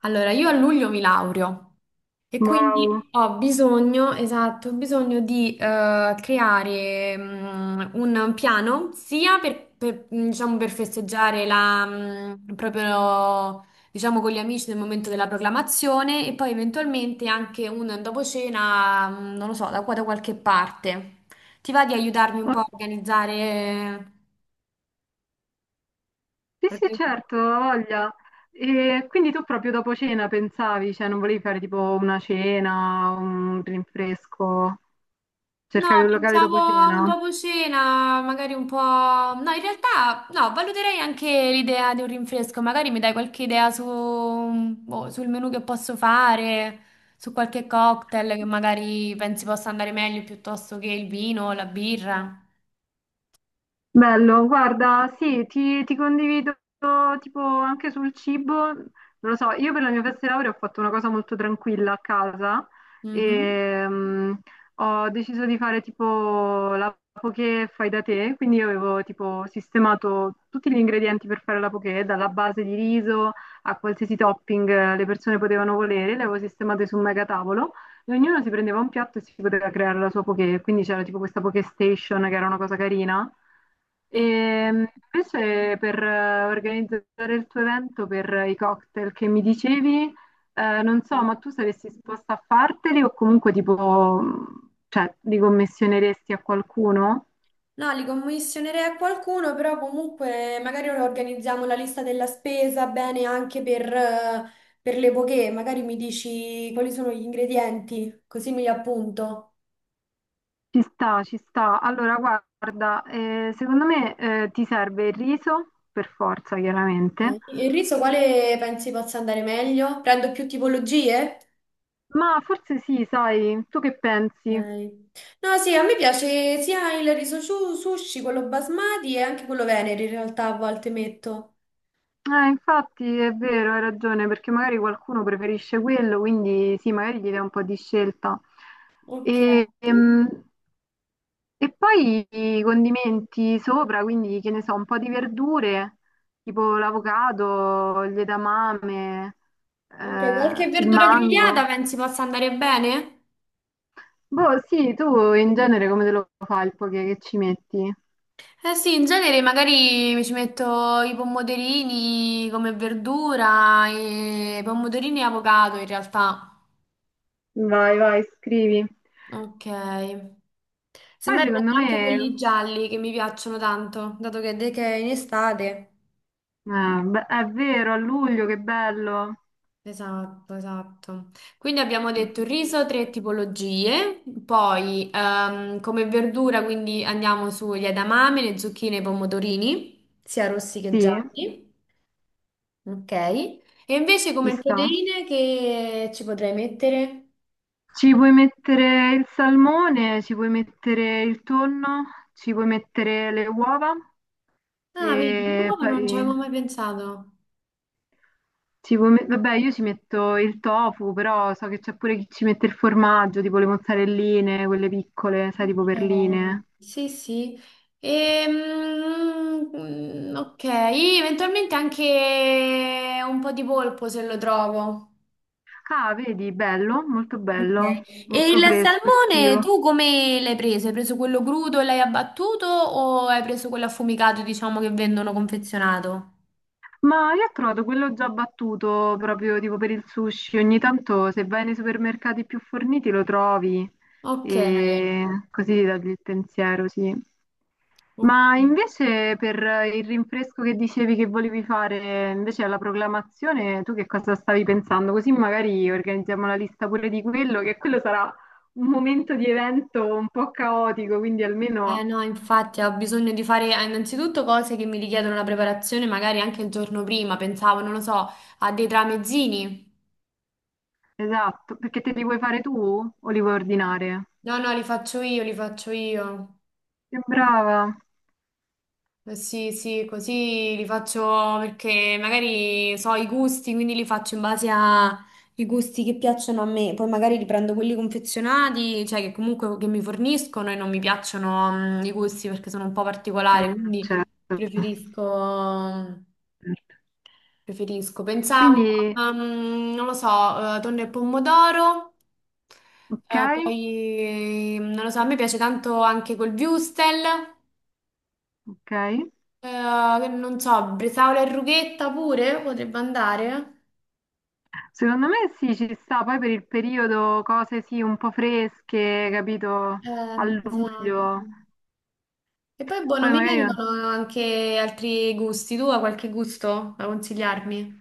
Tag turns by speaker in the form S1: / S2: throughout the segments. S1: Allora, io a luglio mi laureo e
S2: Wow.
S1: quindi ho bisogno, esatto, ho bisogno di creare un piano sia per, diciamo, per festeggiare la, proprio, diciamo, con gli amici nel momento della proclamazione e poi eventualmente anche un dopo cena, non lo so, da qua da qualche parte. Ti va di aiutarmi un
S2: Oh,
S1: po' a organizzare?
S2: sì sì certo, ho voglia. E quindi tu proprio dopo cena pensavi, cioè non volevi fare tipo una cena, un rinfresco,
S1: No,
S2: cercavi un locale
S1: pensavo
S2: dopo
S1: a un
S2: cena?
S1: dopo cena, magari un po'. No, in realtà no, valuterei anche l'idea di un rinfresco, magari mi dai qualche idea su, boh, sul menù che posso fare, su qualche cocktail che magari pensi possa andare meglio piuttosto che il vino o la birra.
S2: Bello, guarda, sì, ti condivido tipo anche sul cibo, non lo so, io per la mia festa di laurea ho fatto una cosa molto tranquilla a casa
S1: Mhm.
S2: e ho deciso di fare tipo la poké fai da te, quindi io avevo tipo sistemato tutti gli ingredienti per fare la poké, dalla base di riso a qualsiasi topping le persone potevano volere, le avevo sistemate su un megatavolo e ognuno si prendeva un piatto e si poteva creare la sua poké, quindi c'era tipo questa poké station che era una cosa carina. E invece per organizzare il tuo evento per i cocktail che mi dicevi, non so,
S1: Ok.
S2: ma tu saresti disposta a farteli o comunque tipo, cioè, li commissioneresti a qualcuno?
S1: No, li commissionerei a qualcuno, però comunque magari organizziamo la lista della spesa bene anche per per le poche. Magari mi dici quali sono gli ingredienti, così mi li appunto.
S2: Ci sta, ci sta. Allora, guarda, secondo me ti serve il riso, per forza, chiaramente.
S1: Il riso quale pensi possa andare meglio? Prendo più tipologie?
S2: Ma forse sì, sai, tu che
S1: Ok.
S2: pensi?
S1: No, sì, a me piace sia il sushi, quello basmati e anche quello venere in realtà a volte metto.
S2: Infatti è vero, hai ragione, perché magari qualcuno preferisce quello, quindi sì, magari gli dai un po' di scelta.
S1: Ok.
S2: E, ehm, e poi i condimenti sopra, quindi che ne so, un po' di verdure, tipo l'avocado, gli edamame,
S1: Ok, qualche
S2: il
S1: verdura grigliata
S2: mango.
S1: pensi possa andare bene?
S2: Boh, sì, tu in genere come te lo fai il poke che ci metti?
S1: Eh sì, in genere magari mi ci metto i pomodorini come verdura, e pomodorini e avocado in realtà.
S2: Vai, vai, scrivi.
S1: Ok.
S2: Poi
S1: Semmai prendo
S2: secondo
S1: anche
S2: me,
S1: quelli gialli che mi piacciono tanto, dato che è in estate.
S2: beh, è vero, a luglio che bello.
S1: Esatto, esatto. Quindi abbiamo detto riso, tre tipologie, poi come verdura, quindi andiamo sugli edamame, le zucchine, e i pomodorini, sia rossi che
S2: Sì,
S1: gialli. Ok. E invece
S2: ci
S1: come
S2: sta.
S1: proteine che ci potrei mettere?
S2: Ci puoi mettere il salmone, ci puoi mettere il tonno, ci puoi mettere le uova
S1: Ah, vedi,
S2: e
S1: l'uovo non ci
S2: poi
S1: avevo mai pensato.
S2: vabbè, io ci metto il tofu, però so che c'è pure chi ci mette il formaggio, tipo le mozzarelline, quelle piccole, sai, tipo
S1: Ok.
S2: perline.
S1: Sì, sì. Ok, eventualmente anche un po' di polpo se lo trovo.
S2: Ah, vedi,
S1: Ok.
S2: bello,
S1: E
S2: molto
S1: il
S2: fresco,
S1: salmone
S2: estivo.
S1: tu come l'hai preso? Hai preso quello crudo e l'hai abbattuto o hai preso quello affumicato, diciamo, che vendono confezionato?
S2: Ma io ho trovato quello già battuto proprio tipo per il sushi. Ogni tanto se vai nei supermercati più forniti lo trovi
S1: Ok,
S2: e così ti togli il pensiero, sì.
S1: ok.
S2: Ma invece per il rinfresco che dicevi che volevi fare invece alla proclamazione, tu che cosa stavi pensando? Così magari organizziamo la lista pure di quello, che quello sarà un momento di evento un po' caotico, quindi
S1: Eh
S2: almeno
S1: no, infatti ho bisogno di fare innanzitutto cose che mi richiedono una preparazione magari anche il giorno prima, pensavo, non lo so, a dei tramezzini.
S2: esatto, perché te li vuoi fare tu o li vuoi ordinare?
S1: No, no, li faccio io, li faccio io.
S2: Che brava!
S1: Sì, sì, così li faccio perché magari so i gusti, quindi li faccio in base ai gusti che piacciono a me. Poi magari riprendo quelli confezionati, cioè che comunque che mi forniscono e non mi piacciono, i gusti perché sono un po'
S2: Mm,
S1: particolari,
S2: certo,
S1: quindi preferisco.
S2: certo.
S1: Preferisco. Pensavo,
S2: Quindi,
S1: non lo so, tonno e pomodoro,
S2: ok,
S1: poi, non lo so, a me piace tanto anche col würstel,
S2: ok.
S1: che non so, bresaola e rughetta pure potrebbe andare.
S2: Secondo me sì, ci sta, poi per il periodo cose sì, un po' fresche, capito, a
S1: Esatto.
S2: luglio,
S1: E poi, boh, non
S2: poi
S1: mi
S2: magari
S1: vengono
S2: non-
S1: anche altri gusti. Tu hai qualche gusto da consigliarmi?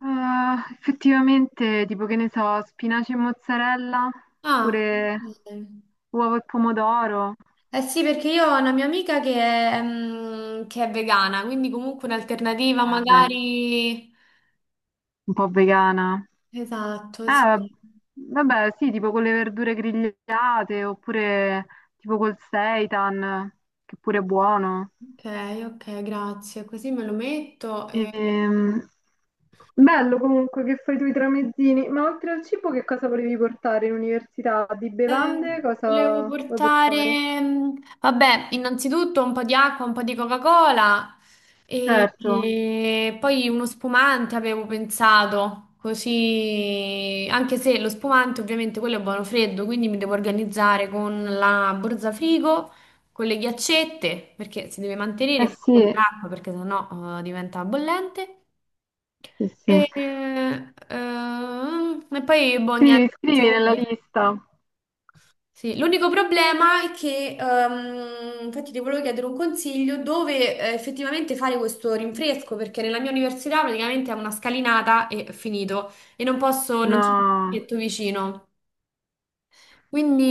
S2: Ah, effettivamente, tipo che ne so, spinaci e mozzarella,
S1: Ah,
S2: oppure
S1: ok.
S2: uovo e pomodoro,
S1: Eh sì, perché io ho una mia amica che è vegana, quindi comunque un'alternativa
S2: va bene,
S1: magari.
S2: un po' vegana.
S1: Esatto, sì.
S2: Ah, vabbè, sì, tipo con le verdure grigliate oppure tipo col seitan, che pure è buono.
S1: Ok, ok, grazie. Così me lo metto e.
S2: Ehm, Bello comunque che fai tu i tramezzini, ma oltre al cibo che cosa volevi portare in università? Di
S1: Eh,
S2: bevande
S1: volevo
S2: cosa vuoi portare?
S1: portare, vabbè, innanzitutto un po' di acqua, un po' di Coca-Cola
S2: Certo,
S1: e poi uno spumante avevo pensato, così, anche se lo spumante ovviamente quello è buono freddo, quindi mi devo organizzare con la borsa frigo, con le ghiaccette, perché si deve
S2: eh
S1: mantenere come
S2: sì,
S1: l'acqua, perché sennò diventa bollente.
S2: sì, sì.
S1: E poi, boh, niente,
S2: Scrivi, scrivi
S1: pensavo
S2: nella
S1: questo.
S2: lista.
S1: Sì, l'unico problema è che, infatti ti volevo chiedere un consiglio dove effettivamente fare questo rinfresco, perché nella mia università praticamente è una scalinata e finito, e non posso, non c'è un
S2: No,
S1: parchetto vicino.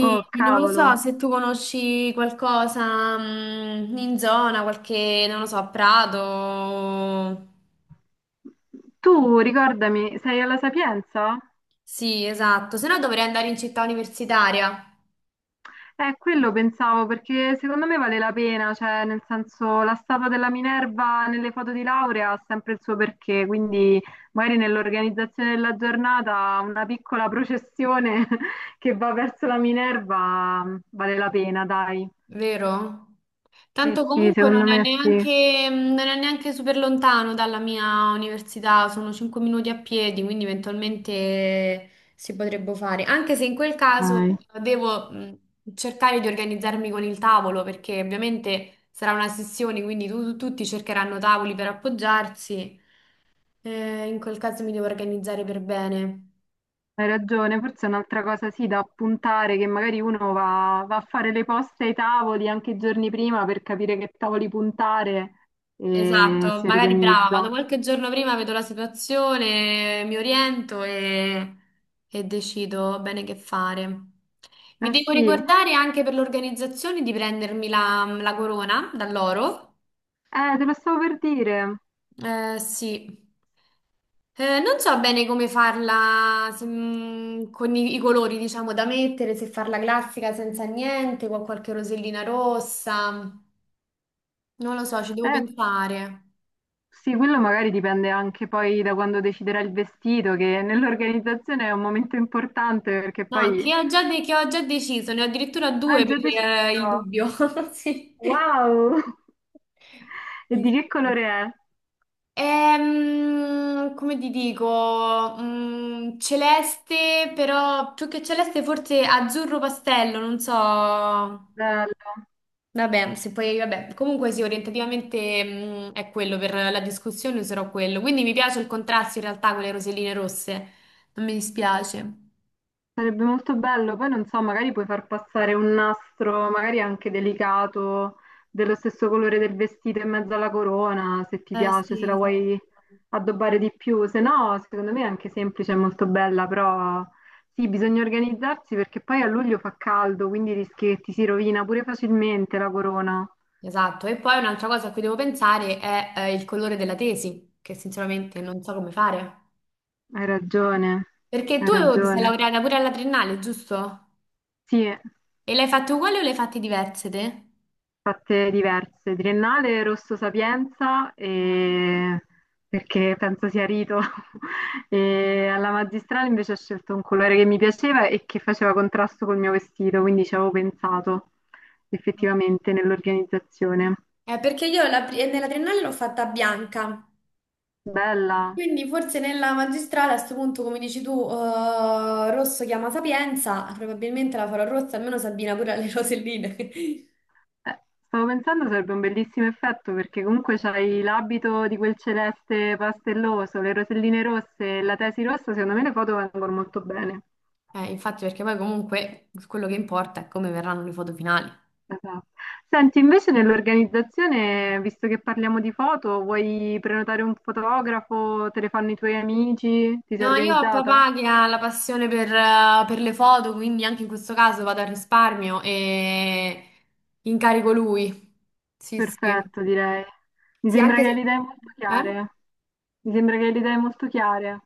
S2: oh
S1: non lo
S2: cavolo.
S1: so se tu conosci qualcosa, in zona, qualche, non lo so, Prato.
S2: Tu ricordami, sei alla Sapienza?
S1: Sì, esatto, se no dovrei andare in città universitaria.
S2: Quello pensavo perché secondo me vale la pena, cioè nel senso la statua della Minerva nelle foto di laurea ha sempre il suo perché, quindi magari nell'organizzazione della giornata una piccola processione che va verso la Minerva vale la pena, dai.
S1: Vero?
S2: Sì,
S1: Tanto
S2: sì,
S1: comunque
S2: secondo
S1: non è
S2: me sì.
S1: neanche, non è neanche super lontano dalla mia università, sono 5 minuti a piedi, quindi eventualmente si potrebbe fare. Anche se in quel caso
S2: Dai.
S1: devo cercare di organizzarmi con il tavolo, perché ovviamente sarà una sessione, quindi tutti cercheranno tavoli per appoggiarsi. In quel caso mi devo organizzare per bene.
S2: Hai ragione, forse è un'altra cosa sì da appuntare che magari uno va a fare le poste ai tavoli anche i giorni prima per capire che tavoli puntare e
S1: Esatto,
S2: si
S1: magari brava, vado
S2: organizza.
S1: qualche giorno prima, vedo la situazione, mi oriento e decido bene che fare. Mi
S2: Eh
S1: devo
S2: sì,
S1: ricordare anche per l'organizzazione di prendermi la corona da loro.
S2: te lo stavo per dire.
S1: Sì. Non so bene come farla se, con i colori, diciamo, da mettere, se farla classica senza niente, con qualche rosellina rossa. Non lo so, ci devo
S2: Eh,
S1: pensare.
S2: sì, quello magari dipende anche poi da quando deciderà il vestito, che nell'organizzazione è un momento importante perché
S1: No, anche
S2: poi...
S1: io che ho già deciso, ne ho addirittura
S2: Ah,
S1: due per
S2: già
S1: il
S2: deciso!
S1: dubbio. Sì. Sì,
S2: Wow! E di
S1: sì.
S2: che colore è?
S1: Come ti dico, celeste, però più che celeste forse azzurro pastello, non so.
S2: Bello.
S1: Vabbè, se poi, vabbè, comunque sì, orientativamente, è quello, per la discussione userò quello. Quindi mi piace il contrasto in realtà con le roselline rosse, non mi dispiace.
S2: Sarebbe molto bello, poi non so, magari puoi far passare un nastro, magari anche delicato, dello stesso colore del vestito in mezzo alla corona, se ti
S1: Eh
S2: piace, se la
S1: sì,
S2: vuoi
S1: esatto.
S2: addobbare di più, se no, secondo me è anche semplice, è molto bella, però sì, bisogna organizzarsi perché poi a luglio fa caldo, quindi rischi che ti si rovina pure facilmente la corona.
S1: Esatto, e poi un'altra cosa a cui devo pensare è il colore della tesi, che sinceramente non so come fare.
S2: Hai ragione,
S1: Perché
S2: hai
S1: tu ti sei
S2: ragione.
S1: laureata pure alla triennale, giusto?
S2: Sì.
S1: E l'hai fatte uguali o le hai fatte diverse te?
S2: Fatte diverse, Triennale Rosso Sapienza,
S1: Ah.
S2: e- perché penso sia rito, e alla magistrale invece ho scelto un colore che mi piaceva e che faceva contrasto col mio vestito, quindi ci avevo pensato effettivamente nell'organizzazione.
S1: Perché io nella triennale l'ho fatta bianca,
S2: Bella.
S1: quindi forse nella magistrale a questo punto, come dici tu, rosso chiama Sapienza, probabilmente la farò rossa, almeno Sabina pure alle roselline.
S2: Stavo pensando sarebbe un bellissimo effetto perché comunque c'hai l'abito di quel celeste pastelloso, le roselline rosse e la tesi rossa, secondo me le foto vengono molto bene.
S1: Infatti, perché poi comunque quello che importa è come verranno le foto finali.
S2: Esatto. Senti, invece nell'organizzazione, visto che parliamo di foto, vuoi prenotare un fotografo? Te le fanno i tuoi amici? Ti sei
S1: No, io ho
S2: organizzata?
S1: papà che ha la passione per le foto, quindi anche in questo caso vado al risparmio e incarico lui. Sì, sì.
S2: Perfetto, direi. Mi
S1: Sì,
S2: sembra
S1: anche
S2: che le
S1: se.
S2: idee molto
S1: Eh?
S2: chiare. Mi sembra che le idee molto chiare.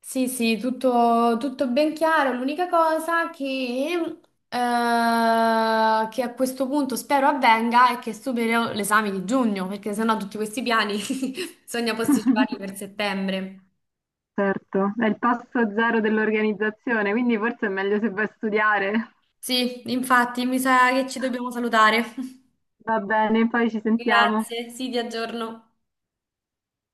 S1: Sì, sì, tutto, tutto ben chiaro. L'unica cosa eh, che a questo punto spero avvenga è che supero l'esame di giugno, perché sennò tutti questi piani bisogna posticiparli per settembre.
S2: Certo, è il passo zero dell'organizzazione, quindi forse è meglio se vai a studiare.
S1: Sì, infatti, mi sa che ci dobbiamo salutare.
S2: Va bene, poi ci sentiamo.
S1: Grazie, sì, vi aggiorno.